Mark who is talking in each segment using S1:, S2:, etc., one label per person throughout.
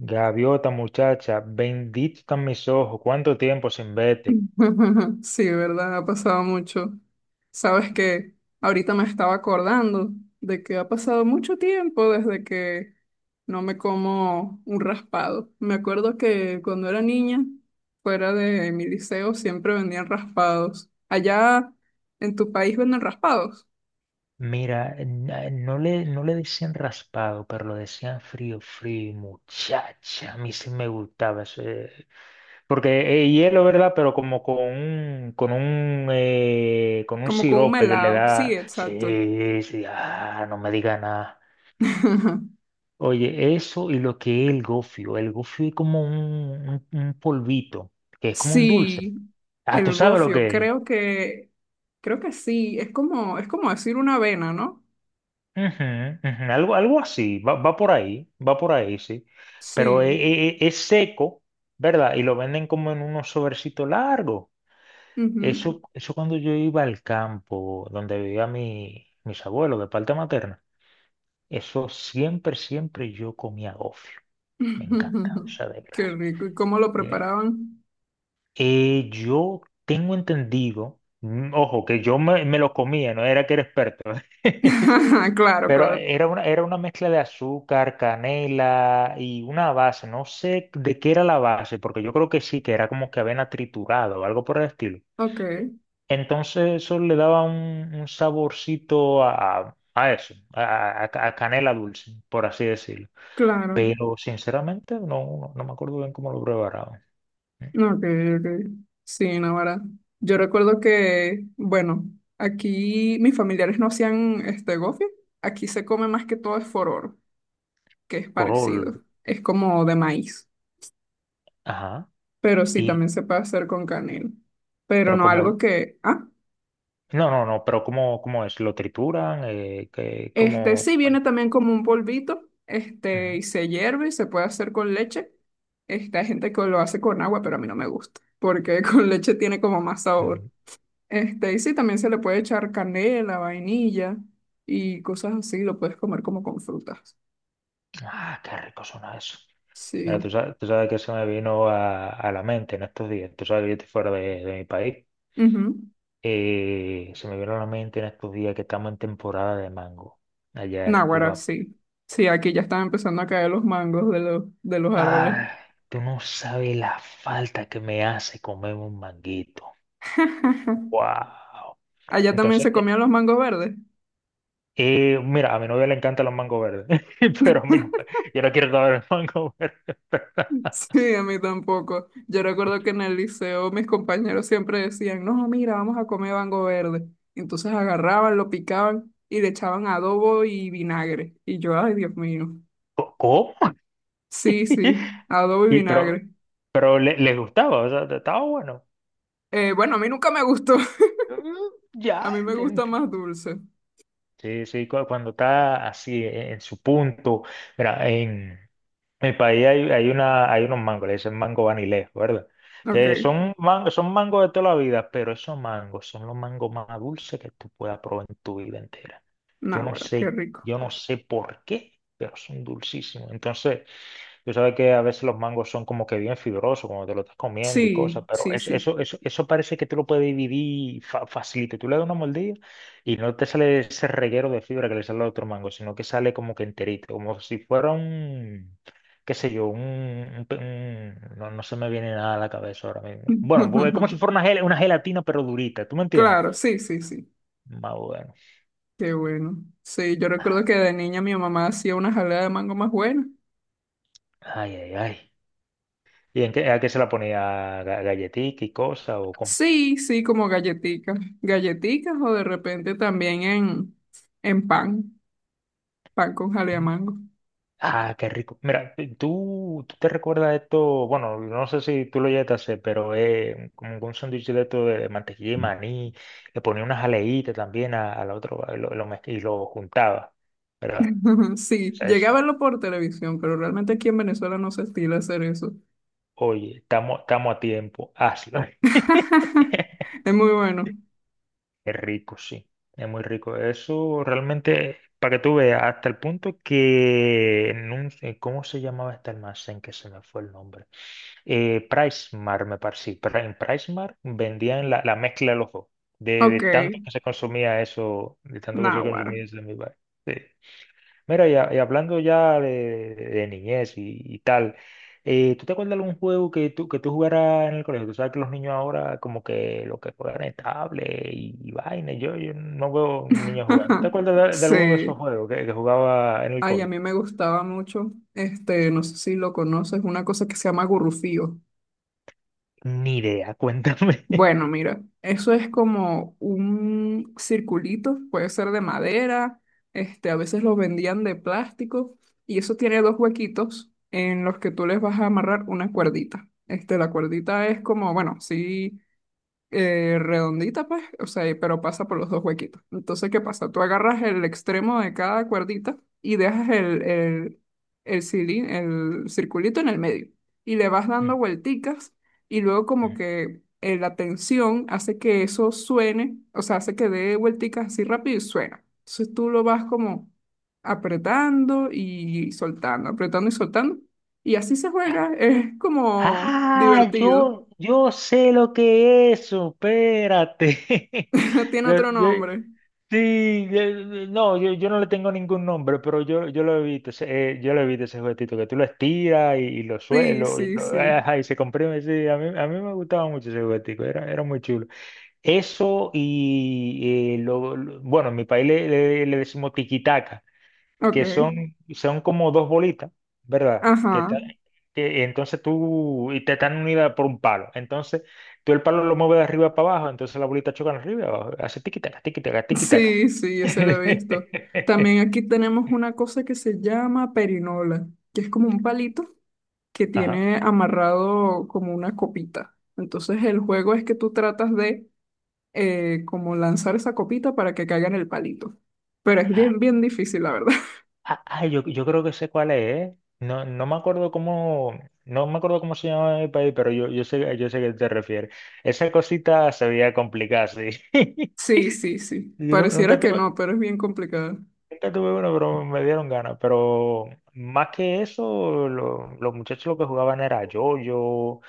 S1: Gaviota, muchacha, bendito están mis ojos, cuánto tiempo sin verte.
S2: Sí, verdad, ha pasado mucho. Sabes que ahorita me estaba acordando de que ha pasado mucho tiempo desde que no me como un raspado. Me acuerdo que cuando era niña, fuera de mi liceo, siempre vendían raspados. Allá en tu país venden raspados,
S1: Mira, no le, no le decían raspado, pero lo decían frío, frío, y muchacha. A mí sí me gustaba porque es hielo, ¿verdad? Pero como con un
S2: como con un
S1: sirope que le
S2: melado. Sí,
S1: da.
S2: exacto.
S1: Sí, sí, ah, no me diga nada. Oye, eso y lo que es el gofio. El gofio es como un polvito, que es como un dulce.
S2: Sí,
S1: Ah, ¿tú
S2: el
S1: sabes lo
S2: gofio,
S1: que es?
S2: creo que sí. Es como decir una avena, ¿no?
S1: Ujú, ujú, algo, algo así, va, va por ahí, sí. Pero
S2: Sí.
S1: es, seco, ¿verdad? Y lo venden como en unos sobrecitos largos.
S2: ujú.
S1: Eso cuando yo iba al campo donde vivía mis abuelos de parte materna, eso siempre, siempre yo comía gofio. Me encantaba esa de
S2: Qué
S1: grasa.
S2: rico. ¿Y cómo lo
S1: Yeah.
S2: preparaban?
S1: Yo tengo entendido, ojo, que me lo comía, no era que era experto.
S2: Claro,
S1: Pero
S2: claro.
S1: era una mezcla de azúcar, canela y una base. No sé de qué era la base, porque yo creo que sí, que era como que avena triturada o algo por el estilo.
S2: Ok,
S1: Entonces eso le daba un saborcito a eso, a canela dulce, por así decirlo.
S2: claro.
S1: Pero sinceramente no me acuerdo bien cómo lo preparaban.
S2: Ok, ok. Sí, Navarra. Yo recuerdo que, bueno, aquí mis familiares no hacían este gofio. Aquí se come más que todo es fororo, que es
S1: Porol,
S2: parecido. Es como de maíz.
S1: ajá.
S2: Pero sí,
S1: Y,
S2: también se puede hacer con canela. Pero
S1: pero
S2: no algo
S1: como,
S2: que. ¿Ah?
S1: no, pero cómo es, lo trituran,
S2: Este sí
S1: bueno.
S2: viene también como un polvito, este, y se hierve y se puede hacer con leche. Este, hay gente que lo hace con agua, pero a mí no me gusta, porque con leche tiene como más sabor.
S1: Ujú.
S2: Este, y sí, también se le puede echar canela, vainilla y cosas así, lo puedes comer como con frutas.
S1: Ah, qué rico suena eso. Mira,
S2: Sí.
S1: tú sabes que se me vino a la mente en estos días. Tú sabes que yo estoy fuera de mi país.
S2: Ujú.
S1: Se me vino a la mente en estos días que estamos en temporada de mango allá en República
S2: Náguara,
S1: Dominicana.
S2: sí. Sí, aquí ya están empezando a caer los mangos de los árboles.
S1: Ay, tú no sabes la falta que me hace comer un manguito. Wow.
S2: Allá también
S1: Entonces,
S2: se comían los mangos verdes.
S1: mira, a mi novia le encantan los mangos verdes, pero a mí no. Yo no quiero comer el mango verde.
S2: Sí, a mí tampoco. Yo recuerdo que en el liceo mis compañeros siempre decían, no, mira, vamos a comer bango verde. Entonces agarraban, lo picaban y le echaban adobo y vinagre. Y yo, ay, Dios mío.
S1: ¿Cómo?
S2: Sí, sí, adobo y
S1: Y pero,
S2: vinagre.
S1: pero les gustaba, o sea, estaba bueno.
S2: Bueno, a mí nunca me gustó.
S1: Mm,
S2: A
S1: ya,
S2: mí me gusta
S1: gente.
S2: más dulce.
S1: Sí, sí, cuando está así en su punto. Mira, en mi país hay, hay una, hay unos mangos, le dicen mango vanilés, ¿verdad?
S2: Ok,
S1: Que son, son mangos de toda la vida, pero esos mangos son los mangos más dulces que tú puedas probar en tu vida entera. Yo no
S2: náguara, qué
S1: sé,
S2: rico.
S1: yo no sé por qué, pero son dulcísimos. Entonces, tú sabes que a veces los mangos son como que bien fibrosos cuando te lo estás comiendo y
S2: Sí,
S1: cosas, pero
S2: sí, sí.
S1: eso parece que tú lo puedes dividir facilito. Tú le das una mordida y no te sale ese reguero de fibra que le sale al otro mango, sino que sale como que enterito, como si fuera un, qué sé yo, un, no, no se me viene nada a la cabeza ahora mismo. Bueno, pues es como si fuera una, una gelatina pero durita, ¿tú me entiendes?
S2: Claro, sí, sí, sí.
S1: Más bueno.
S2: Qué bueno. Sí, yo recuerdo que de niña mi mamá hacía una jalea de mango más buena.
S1: Ay, ay, ay. ¿Y en qué, a qué se la ponía? Galletica y cosas o cómo?
S2: Sí, sí, como galletitas, galletitas o de repente también en pan, pan con jalea mango.
S1: Ah, qué rico. Mira, tú te recuerdas esto, bueno, no sé si tú lo llegaste a hacer, pero es como un sándwich de esto de mantequilla y maní, le ponía una jaleíta también al otro a y lo juntaba, ¿verdad? O
S2: Sí,
S1: sea,
S2: llegué a
S1: ese,
S2: verlo por televisión, pero realmente aquí en Venezuela no se estila hacer eso.
S1: oye, estamos a tiempo, hazlo.
S2: Es muy bueno.
S1: Es rico, sí, es muy rico. Eso realmente, para que tú veas, hasta el punto que en un, ¿cómo se llamaba este almacén que se me fue el nombre? Pricemar, me parece. Sí, en Pricemar vendían la, la mezcla de los dos. De
S2: Ok,
S1: tanto que se consumía eso, de tanto que se
S2: náguara.
S1: consumía ese mi bar. Sí. Mira, y, y hablando ya de niñez y tal, ¿tú te acuerdas de algún juego que que tú jugaras en el colegio? Tú sabes que los niños ahora como que lo que juegan es tablet y vaina. Yo no veo niños jugando. ¿Te acuerdas de alguno de esos
S2: Sí.
S1: juegos que jugaba en el
S2: Ay, a
S1: colegio?
S2: mí me gustaba mucho, este, no sé si lo conoces, una cosa que se llama gurrufío.
S1: Ni idea, cuéntame.
S2: Bueno, mira, eso es como un circulito, puede ser de madera, este, a veces lo vendían de plástico, y eso tiene dos huequitos en los que tú les vas a amarrar una cuerdita. Este, la cuerdita es como, bueno, sí redondita, pues, o sea, pero pasa por los dos huequitos. Entonces, ¿qué pasa? Tú agarras el extremo de cada cuerdita y dejas el circulito en el medio y le vas dando vuelticas y luego como que la tensión hace que eso suene, o sea, hace que dé vuelticas así rápido y suena. Entonces tú lo vas como apretando y soltando, apretando y soltando. Y así se juega, es como
S1: Ah,
S2: divertido.
S1: yo sé lo que es eso, espérate.
S2: Tiene
S1: Yo,
S2: otro
S1: yo-
S2: nombre.
S1: sí, no, yo no le tengo ningún nombre, pero yo lo he visto, yo lo he visto ese juguetito, que tú lo estiras y lo
S2: Sí,
S1: suelo, y,
S2: sí, sí.
S1: ajá, y se comprime, sí, a mí me gustaba mucho ese juguetico, era, era muy chulo. Eso y, bueno, en mi país le decimos tiquitaca,
S2: Ok.
S1: que son, son como dos bolitas, ¿verdad? Que,
S2: Ajá.
S1: que entonces tú, y te están unidas por un palo. Entonces, tú el palo lo mueves de arriba para abajo, entonces la bolita choca de arriba y abajo, hace tiquitaca, tiquitaca, tiquitaca.
S2: Sí, sí, ese lo he visto. También aquí tenemos una cosa que se llama perinola, que es como un palito que
S1: Ajá.
S2: tiene amarrado como una copita. Entonces el juego es que tú tratas de como lanzar esa copita para que caiga en el palito. Pero es bien, bien difícil, la verdad.
S1: Ah, ah, yo creo que sé cuál es, ¿eh? No, no me acuerdo cómo, no me acuerdo cómo se llama el país, pero yo sé a qué te refieres. Esa cosita se veía complicada, sí.
S2: Sí, sí, sí. Pareciera
S1: Nunca
S2: que
S1: tuve.
S2: no, pero es bien complicado.
S1: Nunca tuve uno, pero me dieron ganas. Pero más que eso, los muchachos lo que jugaban era yo-yo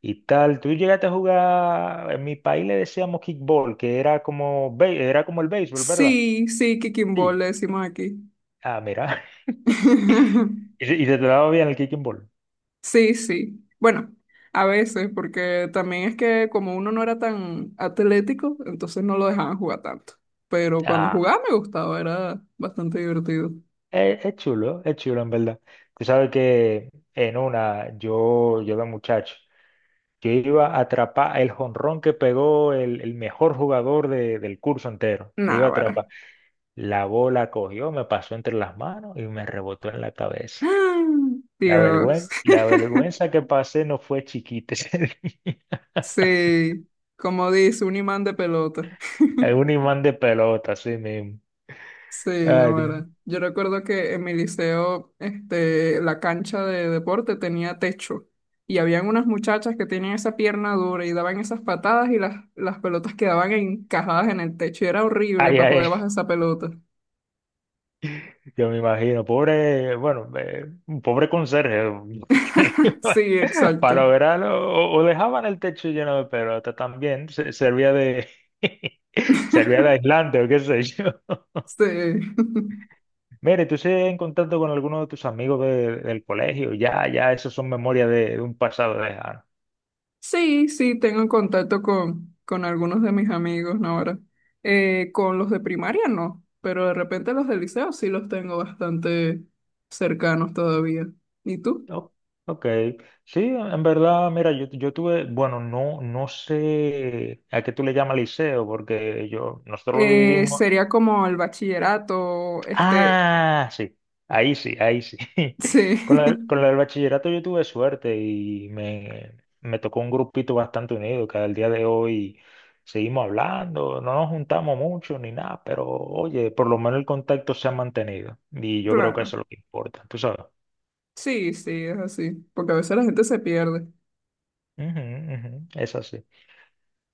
S1: y tal. Tú llegaste a jugar, en mi país le decíamos kickball, que era como, era como el béisbol, ¿verdad?
S2: Sí, sí, kicking ball le
S1: Sí.
S2: decimos aquí.
S1: Ah, mira. Y, y se te daba bien el kicking ball. Mm,
S2: Sí, sí. Bueno, a veces, porque también es que como uno no era tan atlético, entonces no lo dejaban jugar tanto. Pero cuando
S1: ah,
S2: jugaba me gustaba, era bastante divertido.
S1: es chulo en verdad. Tú sabes que en una, yo de muchacho, yo iba a atrapar el jonrón que pegó el mejor jugador del curso entero. Le iba a
S2: Náguara.
S1: atrapar. La bola cogió, me pasó entre las manos y me rebotó en la cabeza.
S2: Dios.
S1: La vergüenza que pasé no fue chiquita ese día.
S2: Sí, como dice, un imán de pelota.
S1: Es un imán de pelota, así mismo.
S2: Sí,
S1: Ay,
S2: no
S1: Dios.
S2: era. Yo recuerdo que en mi liceo, este, la cancha de deporte tenía techo y habían unas muchachas que tenían esa pierna dura y daban esas patadas y las pelotas quedaban encajadas en el techo y era horrible
S1: Ay,
S2: para poder
S1: ay,
S2: bajar esa pelota.
S1: yo me imagino, pobre, bueno, un pobre conserje.
S2: Sí,
S1: Para
S2: exacto.
S1: lograrlo, o dejaban el techo lleno de pelota también, servía de, servía de aislante o qué sé yo.
S2: Sí.
S1: Mira, ¿y tú sigues en contacto con alguno de tus amigos del colegio, ya, ya, esos son memorias de un pasado lejano.
S2: Sí, sí, tengo en contacto con algunos de mis amigos ¿no? ahora. Con los de primaria no, pero de repente los del liceo sí los tengo bastante cercanos todavía. ¿Y tú?
S1: O- ok, sí, en verdad, mira, yo tuve, bueno, no, no sé a qué tú le llamas liceo, porque yo, nosotros lo dividimos.
S2: Sería como el bachillerato, este,
S1: Ah, sí, ahí sí, ahí sí.
S2: sí,
S1: Con la del bachillerato yo tuve suerte y me tocó un grupito bastante unido que al día de hoy seguimos hablando, no nos juntamos mucho ni nada, pero oye, por lo menos el contacto se ha mantenido y yo creo que
S2: claro.
S1: eso es lo que importa, tú sabes.
S2: Sí, sí, es así, porque a veces la gente se pierde.
S1: Ujú, ujú, es así.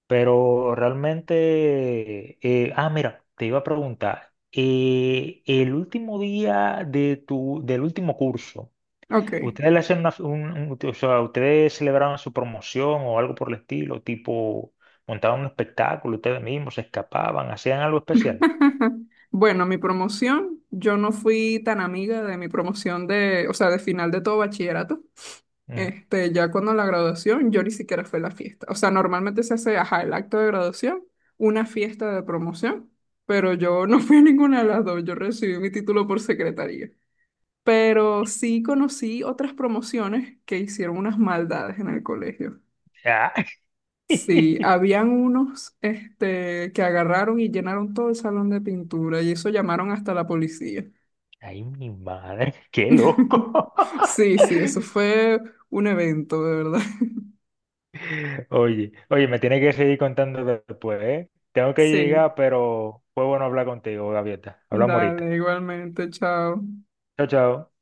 S1: Pero realmente, ah, mira, te iba a preguntar, el último día de tu, del último curso.
S2: Ok.
S1: ¿Ustedes le hacen una, o sea, ustedes celebraban su promoción o algo por el estilo, tipo montaban un espectáculo ustedes mismos, se escapaban, hacían algo especial?
S2: Bueno, mi promoción, yo no fui tan amiga de mi promoción de, o sea, de final de todo bachillerato.
S1: Mm,
S2: Este, ya cuando la graduación, yo ni siquiera fui a la fiesta. O sea, normalmente se hace, ajá, el acto de graduación, una fiesta de promoción, pero yo no fui a ninguna de las dos. Yo recibí mi título por secretaría. Pero sí conocí otras promociones que hicieron unas maldades en el colegio.
S1: ah.
S2: Sí, habían unos, este, que agarraron y llenaron todo el salón de pintura y eso llamaron hasta la policía.
S1: Ay, mi madre, qué loco.
S2: Sí, sí, eso fue un evento, de verdad.
S1: Oye, oye, me tiene que seguir contando después, ¿eh? Tengo que
S2: Sí.
S1: llegar, pero fue bueno hablar contigo, Gaviota. Hablamos ahorita.
S2: Dale, igualmente, chao.
S1: Chao, chao.